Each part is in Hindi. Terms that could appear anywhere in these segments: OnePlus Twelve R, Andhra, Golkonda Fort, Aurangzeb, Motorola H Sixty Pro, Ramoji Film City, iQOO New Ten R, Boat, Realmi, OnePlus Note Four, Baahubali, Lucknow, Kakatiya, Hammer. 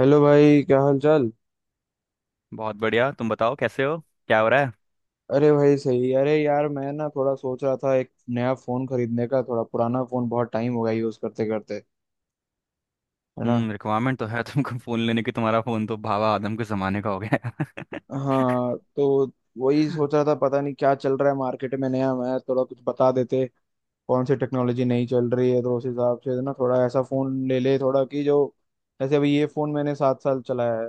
हेलो भाई, क्या हाल चाल। बहुत बढ़िया। तुम बताओ कैसे हो? क्या हो रहा है? अरे भाई सही। अरे यार, मैं ना थोड़ा सोच रहा था एक नया फोन खरीदने का, थोड़ा पुराना फोन बहुत टाइम हो गया यूज करते करते, है ना। हम्म, रिक्वायरमेंट तो है तुमको फोन लेने की। तुम्हारा फोन तो भावा आदम के जमाने का हो गया है। हाँ, तो वही सोच रहा था, पता नहीं क्या चल रहा है मार्केट में नया, मैं थोड़ा कुछ बता देते कौन सी टेक्नोलॉजी नई चल रही है, तो उस हिसाब से ना थोड़ा ऐसा फोन ले ले थोड़ा कि जो, जैसे अभी ये फोन मैंने 7 साल चलाया है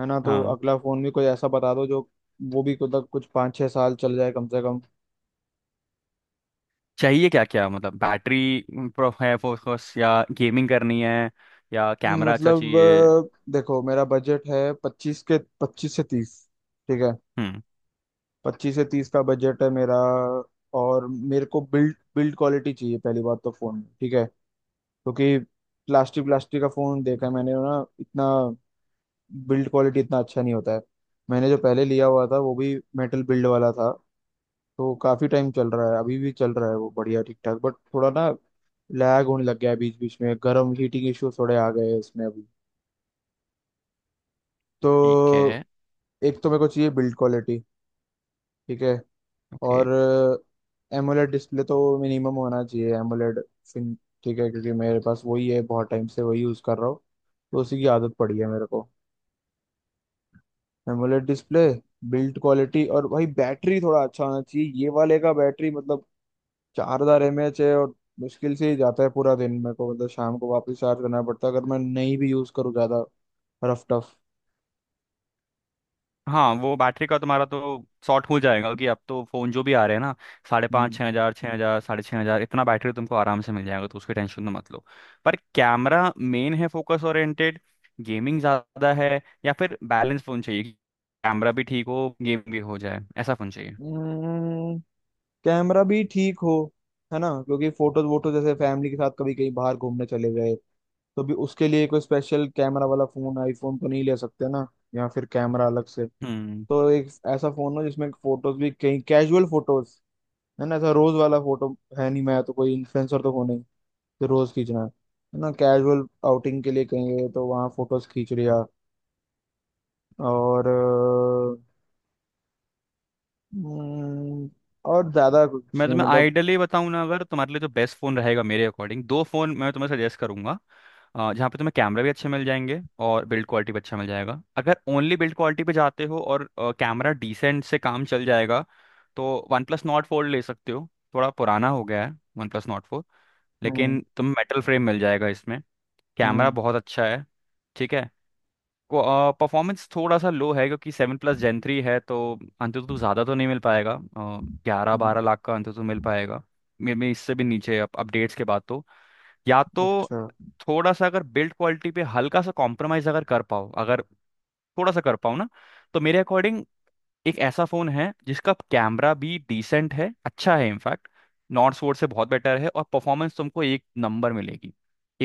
है ना, तो हाँ। अगला फोन भी कोई ऐसा बता दो जो वो भी कुछ कुछ 5-6 साल चल जाए कम से कम। चाहिए क्या क्या? मतलब बैटरी प्रो है फोकस, या गेमिंग करनी है, या कैमरा अच्छा मतलब चाहिए? देखो, मेरा बजट है पच्चीस के, 25 से 30। ठीक है, हम्म। 25 से 30 का बजट है मेरा। और मेरे को बिल्ड बिल्ड क्वालिटी चाहिए पहली बात तो फोन में। ठीक है, क्योंकि प्लास्टिक प्लास्टिक का फोन देखा है मैंने ना, इतना बिल्ड क्वालिटी इतना अच्छा नहीं होता है। मैंने जो पहले लिया हुआ था वो भी मेटल बिल्ड वाला था, तो काफी टाइम चल रहा है, अभी भी चल रहा है वो, बढ़िया ठीक ठाक, बट थोड़ा ना लैग होने लग गया है बीच बीच में, गर्म हीटिंग इश्यूज थोड़े आ गए हैं इसमें अभी। तो ठीक है। एक तो मेरे को चाहिए बिल्ड क्वालिटी, ठीक है। ओके। और एमोलेड डिस्प्ले तो मिनिमम होना चाहिए, एमोलेड फिन। ठीक है, क्योंकि मेरे पास वही है, बहुत टाइम से वही यूज़ कर रहा हूँ, तो उसी की आदत पड़ी है मेरे को। एमोलेड डिस्प्ले, बिल्ड क्वालिटी, और भाई बैटरी थोड़ा अच्छा होना चाहिए। ये वाले का बैटरी मतलब 4,000 एम एच है, और मुश्किल से ही जाता है पूरा दिन। मेरे को मतलब शाम को वापस चार्ज करना पड़ता है अगर मैं नहीं भी यूज़ करूँ ज़्यादा। Rough tough. हाँ, वो बैटरी का तुम्हारा तो शॉर्ट हो जाएगा, क्योंकि अब तो फ़ोन जो भी आ रहे हैं ना, साढ़े पाँच छः हज़ार साढ़े छः हज़ार इतना बैटरी तुमको आराम से मिल जाएगा। तो उसकी टेंशन तो मत लो। पर कैमरा मेन है फोकस ओरिएंटेड, गेमिंग ज़्यादा है, या फिर बैलेंस फ़ोन चाहिए? कैमरा भी ठीक हो, गेम भी हो जाए, ऐसा फ़ोन चाहिए? हम्म। कैमरा भी ठीक हो, है ना, क्योंकि फोटोज वोटो, जैसे फैमिली के साथ कभी कहीं बाहर घूमने चले गए तो भी उसके लिए कोई स्पेशल कैमरा वाला फोन, आईफोन तो नहीं ले सकते ना, या फिर कैमरा अलग से। हम्म। तो एक ऐसा फोन हो जिसमें फोटोज भी कहीं कैजुअल फोटोज, है ना, ऐसा रोज वाला फोटो है नहीं, मैं तो कोई इन्फ्लुएंसर तो हो नहीं, तो रोज खींचना है ना, कैजुअल आउटिंग के लिए कहीं गए तो वहाँ फोटोज खींच लिया। और अ, हम्म, और ज्यादा कुछ मैं नहीं तुम्हें मतलब। आइडियली बताऊं ना, अगर तुम्हारे लिए जो बेस्ट फ़ोन रहेगा मेरे अकॉर्डिंग, दो फ़ोन मैं तुम्हें सजेस्ट करूंगा। जहाँ पे तुम्हें कैमरा भी अच्छे मिल जाएंगे, और बिल्ड क्वालिटी भी अच्छा मिल जाएगा। अगर ओनली बिल्ड क्वालिटी पे जाते हो और कैमरा डिसेंट से काम चल जाएगा, तो वन प्लस नॉट फोर ले सकते हो। थोड़ा पुराना हो गया है वन प्लस नॉट फोर, हम्म। लेकिन तुम्हें मेटल फ्रेम मिल जाएगा इसमें। कैमरा हम्म। बहुत अच्छा है। ठीक है। परफॉर्मेंस थोड़ा सा लो है क्योंकि सेवन प्लस जेन थ्री है, तो अंतुतु ज़्यादा तो नहीं मिल पाएगा। ग्यारह हम्म। बारह लाख का अंतुतु मिल पाएगा। मे बी इससे भी नीचे अपडेट्स के बाद। तो या तो अच्छा। थोड़ा सा अगर बिल्ड क्वालिटी पे हल्का सा कॉम्प्रोमाइज़ अगर कर पाओ, अगर थोड़ा सा कर पाओ ना, तो मेरे अकॉर्डिंग एक ऐसा फोन है जिसका कैमरा भी डिसेंट है, अच्छा है, इनफैक्ट नॉर्ड सोर्स से बहुत बेटर है, और परफॉर्मेंस तुमको एक नंबर मिलेगी,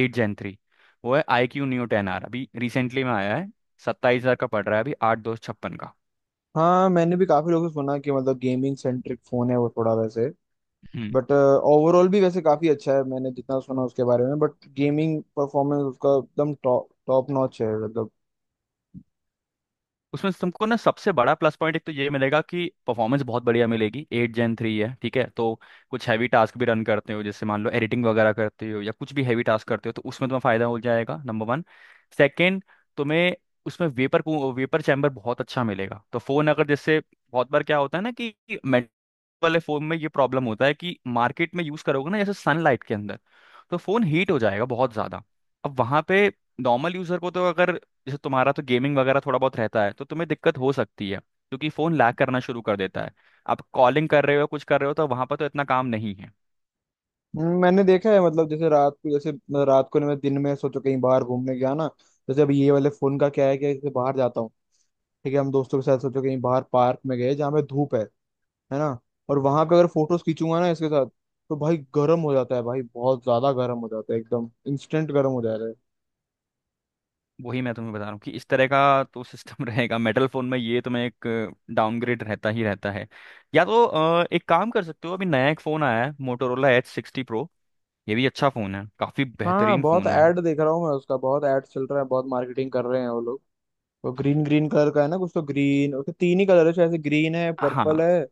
एट जेन थ्री। वो है iQOO Neo ten R, अभी रिसेंटली में आया है, 27,000 का पड़ रहा है, अभी आठ दो छप्पन का। हाँ, मैंने भी काफी लोगों से सुना कि मतलब गेमिंग सेंट्रिक फोन है वो, थोड़ा वैसे, हम्म। बट ओवरऑल भी वैसे काफी अच्छा है मैंने जितना सुना उसके बारे में, बट गेमिंग परफॉर्मेंस उसका एकदम टॉप टॉप नॉच है मतलब। उसमें तुमको ना सबसे बड़ा प्लस पॉइंट एक तो ये मिलेगा कि परफॉर्मेंस बहुत बढ़िया मिलेगी, एट जेन थ्री है, ठीक है, तो कुछ हैवी टास्क भी रन करते हो, जैसे मान लो एडिटिंग वगैरह करते हो, या कुछ भी हैवी टास्क करते हो, तो उसमें तुम्हें फायदा हो जाएगा नंबर वन। सेकेंड, तुम्हें उसमें वेपर वेपर चैम्बर बहुत अच्छा मिलेगा। तो फोन अगर, जैसे बहुत बार क्या होता है ना कि मेटल वाले फोन में ये प्रॉब्लम होता है कि मार्केट में यूज करोगे ना जैसे सनलाइट के अंदर, तो फोन हीट हो जाएगा बहुत ज्यादा। अब वहां पे नॉर्मल यूजर को तो अगर, जैसे तुम्हारा तो गेमिंग वगैरह थोड़ा बहुत रहता है, तो तुम्हें दिक्कत हो सकती है क्योंकि फ़ोन लैग करना शुरू कर देता है। आप कॉलिंग कर रहे हो, कुछ कर रहे हो, तो वहाँ पर तो इतना काम नहीं है। मैंने देखा है मतलब, जैसे रात को, जैसे मतलब रात को नहीं, मैं दिन में सोचो कहीं बाहर घूमने गया ना, जैसे अब ये वाले फोन का क्या है कि जैसे बाहर जाता हूँ, ठीक है, हम दोस्तों के साथ सोचो कहीं बाहर पार्क में गए जहाँ पे धूप है ना, और वहां पे अगर फोटोज खींचूंगा ना इसके साथ, तो भाई गर्म हो जाता है भाई, बहुत ज्यादा गर्म हो जाता है, एकदम इंस्टेंट गर्म हो जाता है। वही मैं तुम्हें बता रहा हूँ कि इस तरह का तो सिस्टम रहेगा मेटल फ़ोन में, ये तुम्हें एक डाउनग्रेड रहता ही रहता है। या तो एक काम कर सकते हो, अभी नया एक फ़ोन आया है, मोटोरोला एच सिक्सटी प्रो। ये भी अच्छा फ़ोन है, काफ़ी हाँ, बेहतरीन बहुत फ़ोन है। ऐड देख रहा हूँ मैं उसका, बहुत ऐड चल रहा है, बहुत मार्केटिंग कर रहे हैं वो लोग। वो ग्रीन ग्रीन कलर का है ना कुछ, तो ग्रीन, उसके तीन ही कलर है शायद से, ग्रीन है, हाँ, पर्पल है,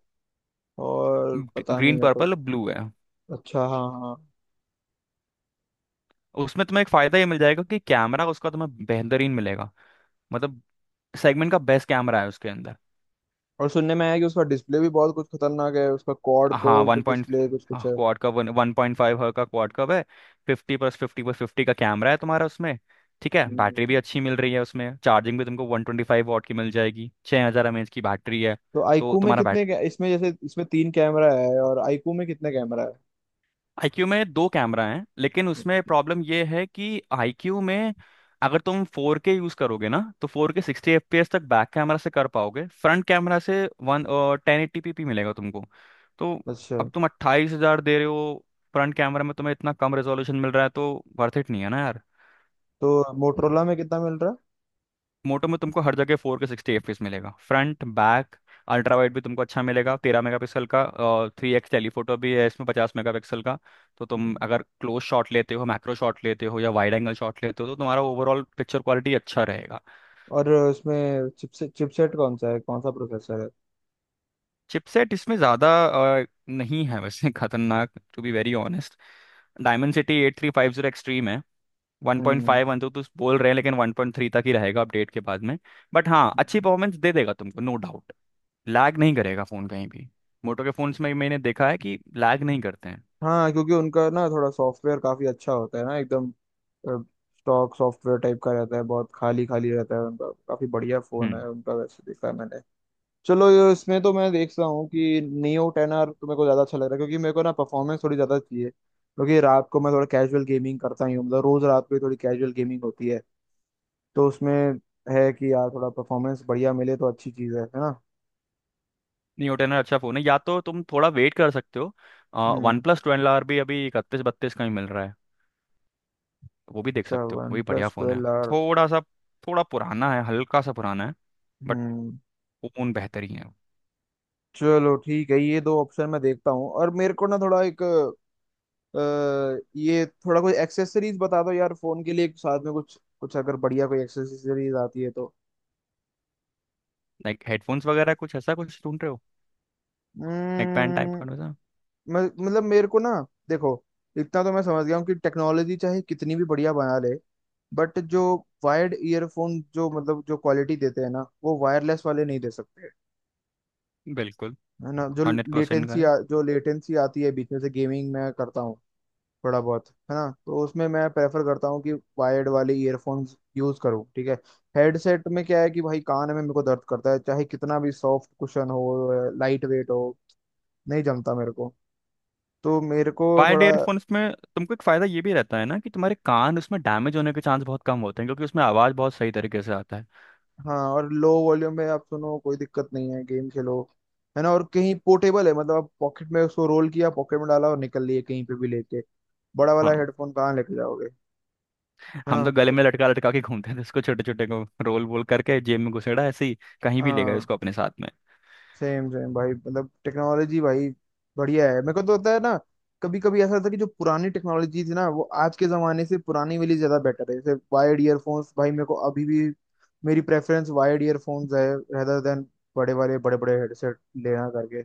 और पता नहीं ग्रीन मेरे को। पर्पल ब्लू है। अच्छा, हाँ हाँ। उसमें तुम्हें एक फ़ायदा ये मिल जाएगा कि कैमरा उसका तुम्हें बेहतरीन मिलेगा। मतलब सेगमेंट का बेस्ट कैमरा है उसके अंदर। और सुनने में आया कि उसका डिस्प्ले भी बहुत कुछ खतरनाक है, उसका क्वाड हाँ, वन कर्व्ड पॉइंट डिस्प्ले कुछ कुछ है। क्वाड का वन पॉइंट फाइव का क्वाड कव है। Fifty plus fifty plus fifty का कैमरा है तुम्हारा उसमें। ठीक है, बैटरी भी हम्म। अच्छी मिल रही है उसमें, चार्जिंग भी तुमको वन ट्वेंटी फाइव वॉट की मिल जाएगी, छः हज़ार एम एच की बैटरी है। तो तो आईकू में तुम्हारा कितने इसमें, जैसे इसमें तीन कैमरा है, और आईकू में कितने कैमरा है? आईक्यू में दो कैमरा हैं, लेकिन उसमें अच्छा। प्रॉब्लम ये है कि आईक्यू में अगर तुम फोर के यूज़ करोगे ना, तो four K sixty F P S तक बैक कैमरा से कर पाओगे। फ्रंट कैमरा से one ten eighty P P मिलेगा तुमको तो। अच्छा, अब तुम 28,000 दे रहे हो, फ्रंट कैमरा में तुम्हें इतना कम रेजोल्यूशन मिल रहा है, तो वर्थ इट नहीं है ना यार। तो मोटरोला में कितना मिल रहा है? मोटो में तुमको हर जगह फोर के सिक्सटी एफ मिलेगा फ्रंट बैक। अल्ट्रा वाइड भी तुमको अच्छा मिलेगा 13 मेगापिक्सल का। थ्री एक्स टेलीफोटो भी है इसमें 50 मेगापिक्सल का। तो तुम अगर क्लोज शॉट लेते हो, मैक्रो शॉट लेते हो, या वाइड एंगल शॉट लेते हो, तो तुम्हारा ओवरऑल पिक्चर क्वालिटी अच्छा रहेगा। और उसमें चिपसेट, चिपसेट कौन सा है, कौन सा प्रोसेसर है? चिपसेट इसमें ज़्यादा नहीं है वैसे, खतरनाक to be very honest. Dimensity eight three five zero extreme है, वन पॉइंट फाइव वन तो बोल रहे हैं, लेकिन वन पॉइंट थ्री तक ही रहेगा अपडेट के बाद में। बट हाँ, अच्छी हम्म। परफॉर्मेंस दे देगा तुमको, नो डाउट। लैग नहीं करेगा फ़ोन कहीं भी। मोटो के फ़ोन्स में मैंने देखा है कि लैग नहीं करते हैं। हाँ, क्योंकि उनका ना थोड़ा सॉफ्टवेयर काफी अच्छा होता है ना, एकदम स्टॉक सॉफ्टवेयर टाइप का रहता है, बहुत खाली खाली रहता है उनका, काफी बढ़िया फोन है हम्म। उनका वैसे, देखा है मैंने। चलो इसमें तो मैं देख रहा हूँ कि नियो टेन आर तो मेरे को ज्यादा अच्छा लग रहा है, क्योंकि मेरे को ना परफॉर्मेंस थोड़ी ज्यादा चाहिए, क्योंकि रात को मैं थोड़ा कैजुअल गेमिंग करता ही हूँ, मतलब रोज रात को ही थोड़ी कैजुअल गेमिंग होती है, तो उसमें है कि यार थोड़ा परफॉर्मेंस बढ़िया मिले तो अच्छी चीज है ना। न्यू टेन अच्छा फ़ोन है। या तो तुम थोड़ा वेट कर सकते हो, one hmm. Plus twelve R भी अभी इकतीस बत्तीस का ही मिल रहा है। वो भी देख अच्छा, सकते हो, वो वन भी बढ़िया प्लस फ़ोन है। Twelve R. थोड़ा सा थोड़ा पुराना है, हल्का सा पुराना है, बट हम्म। वो फ़ोन बेहतर ही है। चलो ठीक है, ये दो ऑप्शन मैं देखता हूँ, और मेरे को ना थोड़ा एक अ, ये थोड़ा कोई एक्सेसरीज बता दो यार फोन के लिए एक साथ में कुछ कुछ, अगर बढ़िया कोई एक्सेसरीज आती है तो। लाइक हेडफोन्स वगैरह कुछ ऐसा कुछ ढूंढ रहे हो? नेक बैंड टाइप का हम्म। वैसा? मतलब मेरे को ना, देखो, इतना तो मैं समझ गया हूँ कि टेक्नोलॉजी चाहे कितनी भी बढ़िया बना ले, बट जो वायर्ड ईयरफोन जो मतलब जो क्वालिटी देते हैं ना, वो वायरलेस वाले नहीं दे सकते। बिल्कुल। है ना, 100% लेटेंसी करेक्ट। जो लेटेंसी आती है बीच में से, गेमिंग मैं करता हूँ थोड़ा बहुत, है ना, तो उसमें मैं प्रेफर करता हूँ कि वायर्ड वाले ईयरफोन्स यूज करूँ। ठीक है, हेडसेट में क्या है कि भाई कान में मेरे को दर्द करता है, चाहे कितना भी सॉफ्ट कुशन हो, लाइट वेट हो, नहीं जमता मेरे को। तो मेरे को वायर्ड थोड़ा। एयरफोन्स में तुमको एक फ़ायदा ये भी रहता है ना कि तुम्हारे कान उसमें डैमेज होने के चांस बहुत कम होते हैं, क्योंकि उसमें आवाज़ बहुत सही तरीके से आता है। हाँ, और लो वॉल्यूम में आप सुनो कोई दिक्कत नहीं है, गेम खेलो, है ना, और कहीं पोर्टेबल है, मतलब आप पॉकेट में उसको रोल किया, पॉकेट में डाला और निकल लिए कहीं पे भी लेके। बड़ा वाला हाँ, हेडफोन कहाँ लेके जाओगे, है ना, हम तो गले तो। में लटका लटका के घूमते थे उसको, छोटे छोटे को रोल वोल करके जेब में घुसेड़ा ऐसे ही, कहीं भी ले गए हाँ, उसको अपने साथ में। सेम सेम भाई, मतलब टेक्नोलॉजी भाई बढ़िया है, मेरे को तो होता है ना कभी कभी ऐसा, होता है कि जो पुरानी टेक्नोलॉजी थी ना, वो आज के जमाने से पुरानी वाली ज्यादा बेटर है, जैसे वायर्ड ईयरफोन्स भाई, मेरे को अभी भी मेरी प्रेफरेंस वायर्ड ईयरफोन्स है रेदर देन बड़े वाले बड़े बड़े हेडसेट लेना करके।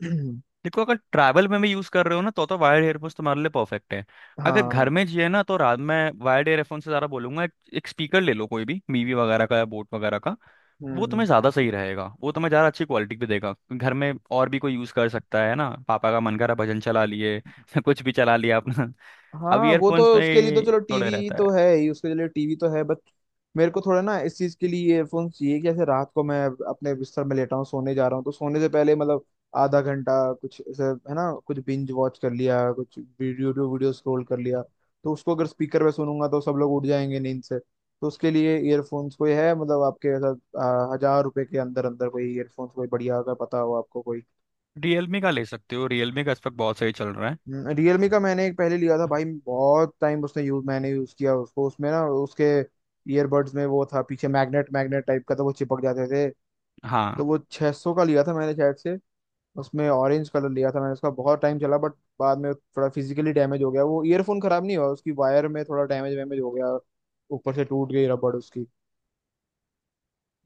देखो, अगर ट्रैवल में भी यूज कर रहे हो ना, तो वायर्ड एयरफोन्स तुम्हारे लिए परफेक्ट है। अगर घर हाँ। में जिए ना, तो रात में वायर्ड एयरफोन से ज्यादा बोलूंगा एक स्पीकर ले लो, कोई भी मीवी वगैरह का या बोट वगैरह का। वो हम्म। तुम्हें ज्यादा सही रहेगा, वो तुम्हें ज्यादा अच्छी क्वालिटी भी देगा। घर में और भी कोई यूज कर सकता है ना, पापा का मन करा भजन चला लिए। कुछ भी चला लिया अपना। अब हाँ, वो तो ईयरफोन्स उसके लिए तो में चलो, थोड़े टीवी रहता है। तो है ही उसके लिए, टीवी तो है, बट मेरे को थोड़ा ना इस चीज के लिए ईयरफोन चाहिए कि ऐसे रात को मैं अपने बिस्तर में लेटा हूँ, सोने जा रहा हूँ, तो सोने से पहले मतलब आधा घंटा कुछ ऐसे, है ना, कुछ बिंज वॉच कर लिया, कुछ वीडियो वीडियो स्क्रॉल कर लिया, तो उसको अगर स्पीकर पे सुनूंगा तो सब लोग उठ जाएंगे नींद से। तो उसके लिए ईयरफोन्स कोई है, मतलब आपके ऐसा 1,000 रुपए के अंदर अंदर कोई ईयरफोन्स कोई बढ़िया, अगर पता हो आपको कोई। रियलमी का ले सकते हो, रियलमी का इस वक्त बहुत सही चल रहा है। रियलमी का मैंने एक पहले लिया था भाई, बहुत टाइम उसने यूज, मैंने यूज किया उसको, उसमें ना उसके ईयरबड्स में वो था पीछे, मैग्नेट मैग्नेट टाइप का था, वो चिपक जाते थे। हाँ, तो वो 600 का लिया था मैंने शायद से, उसमें ऑरेंज कलर लिया था मैंने, उसका बहुत टाइम चला, बट बाद में थोड़ा फिजिकली डैमेज हो गया, वो ईयरफोन खराब नहीं हुआ, उसकी वायर में थोड़ा डैमेज वैमेज हो गया, ऊपर से टूट गई रबड़ उसकी।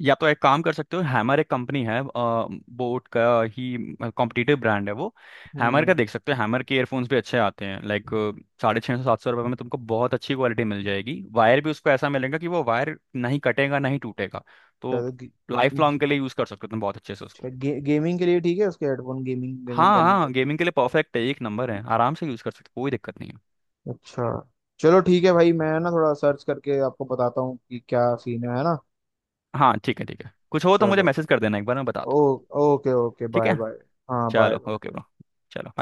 या तो एक काम कर सकते हो, हैमर एक कंपनी है, बोट का ही कॉम्पिटिटिव ब्रांड है वो। हैमर हम्म। का देख सकते हो, हैमर के एयरफोन्स भी अच्छे आते हैं, लाइक साढ़े छः सौ सात सौ रुपये में तुमको बहुत अच्छी क्वालिटी मिल जाएगी। वायर भी उसको ऐसा मिलेगा कि वो वायर नहीं कटेगा, नहीं टूटेगा। तो शायद गे, लाइफ गे, लॉन्ग के लिए यूज़ कर सकते हो तुम बहुत अच्छे से उसको। शायद गे, गेमिंग के लिए ठीक है उसके हेडफोन, गेमिंग हाँ गेमिंग करने हाँ, के। गेमिंग के लिए परफेक्ट है, एक नंबर है, आराम से यूज़ कर सकते हो, कोई दिक्कत नहीं है। अच्छा। चलो ठीक है भाई, मैं ना थोड़ा सर्च करके आपको बताता हूँ कि क्या सीन है ना। हाँ, ठीक है ठीक है, कुछ हो तो मुझे चलो। मैसेज कर देना, एक बार मैं बता ओ। दूँ। ओके ओके, ठीक बाय है। बाय। हाँ, चलो, बाय। Okay bro. चलो bye।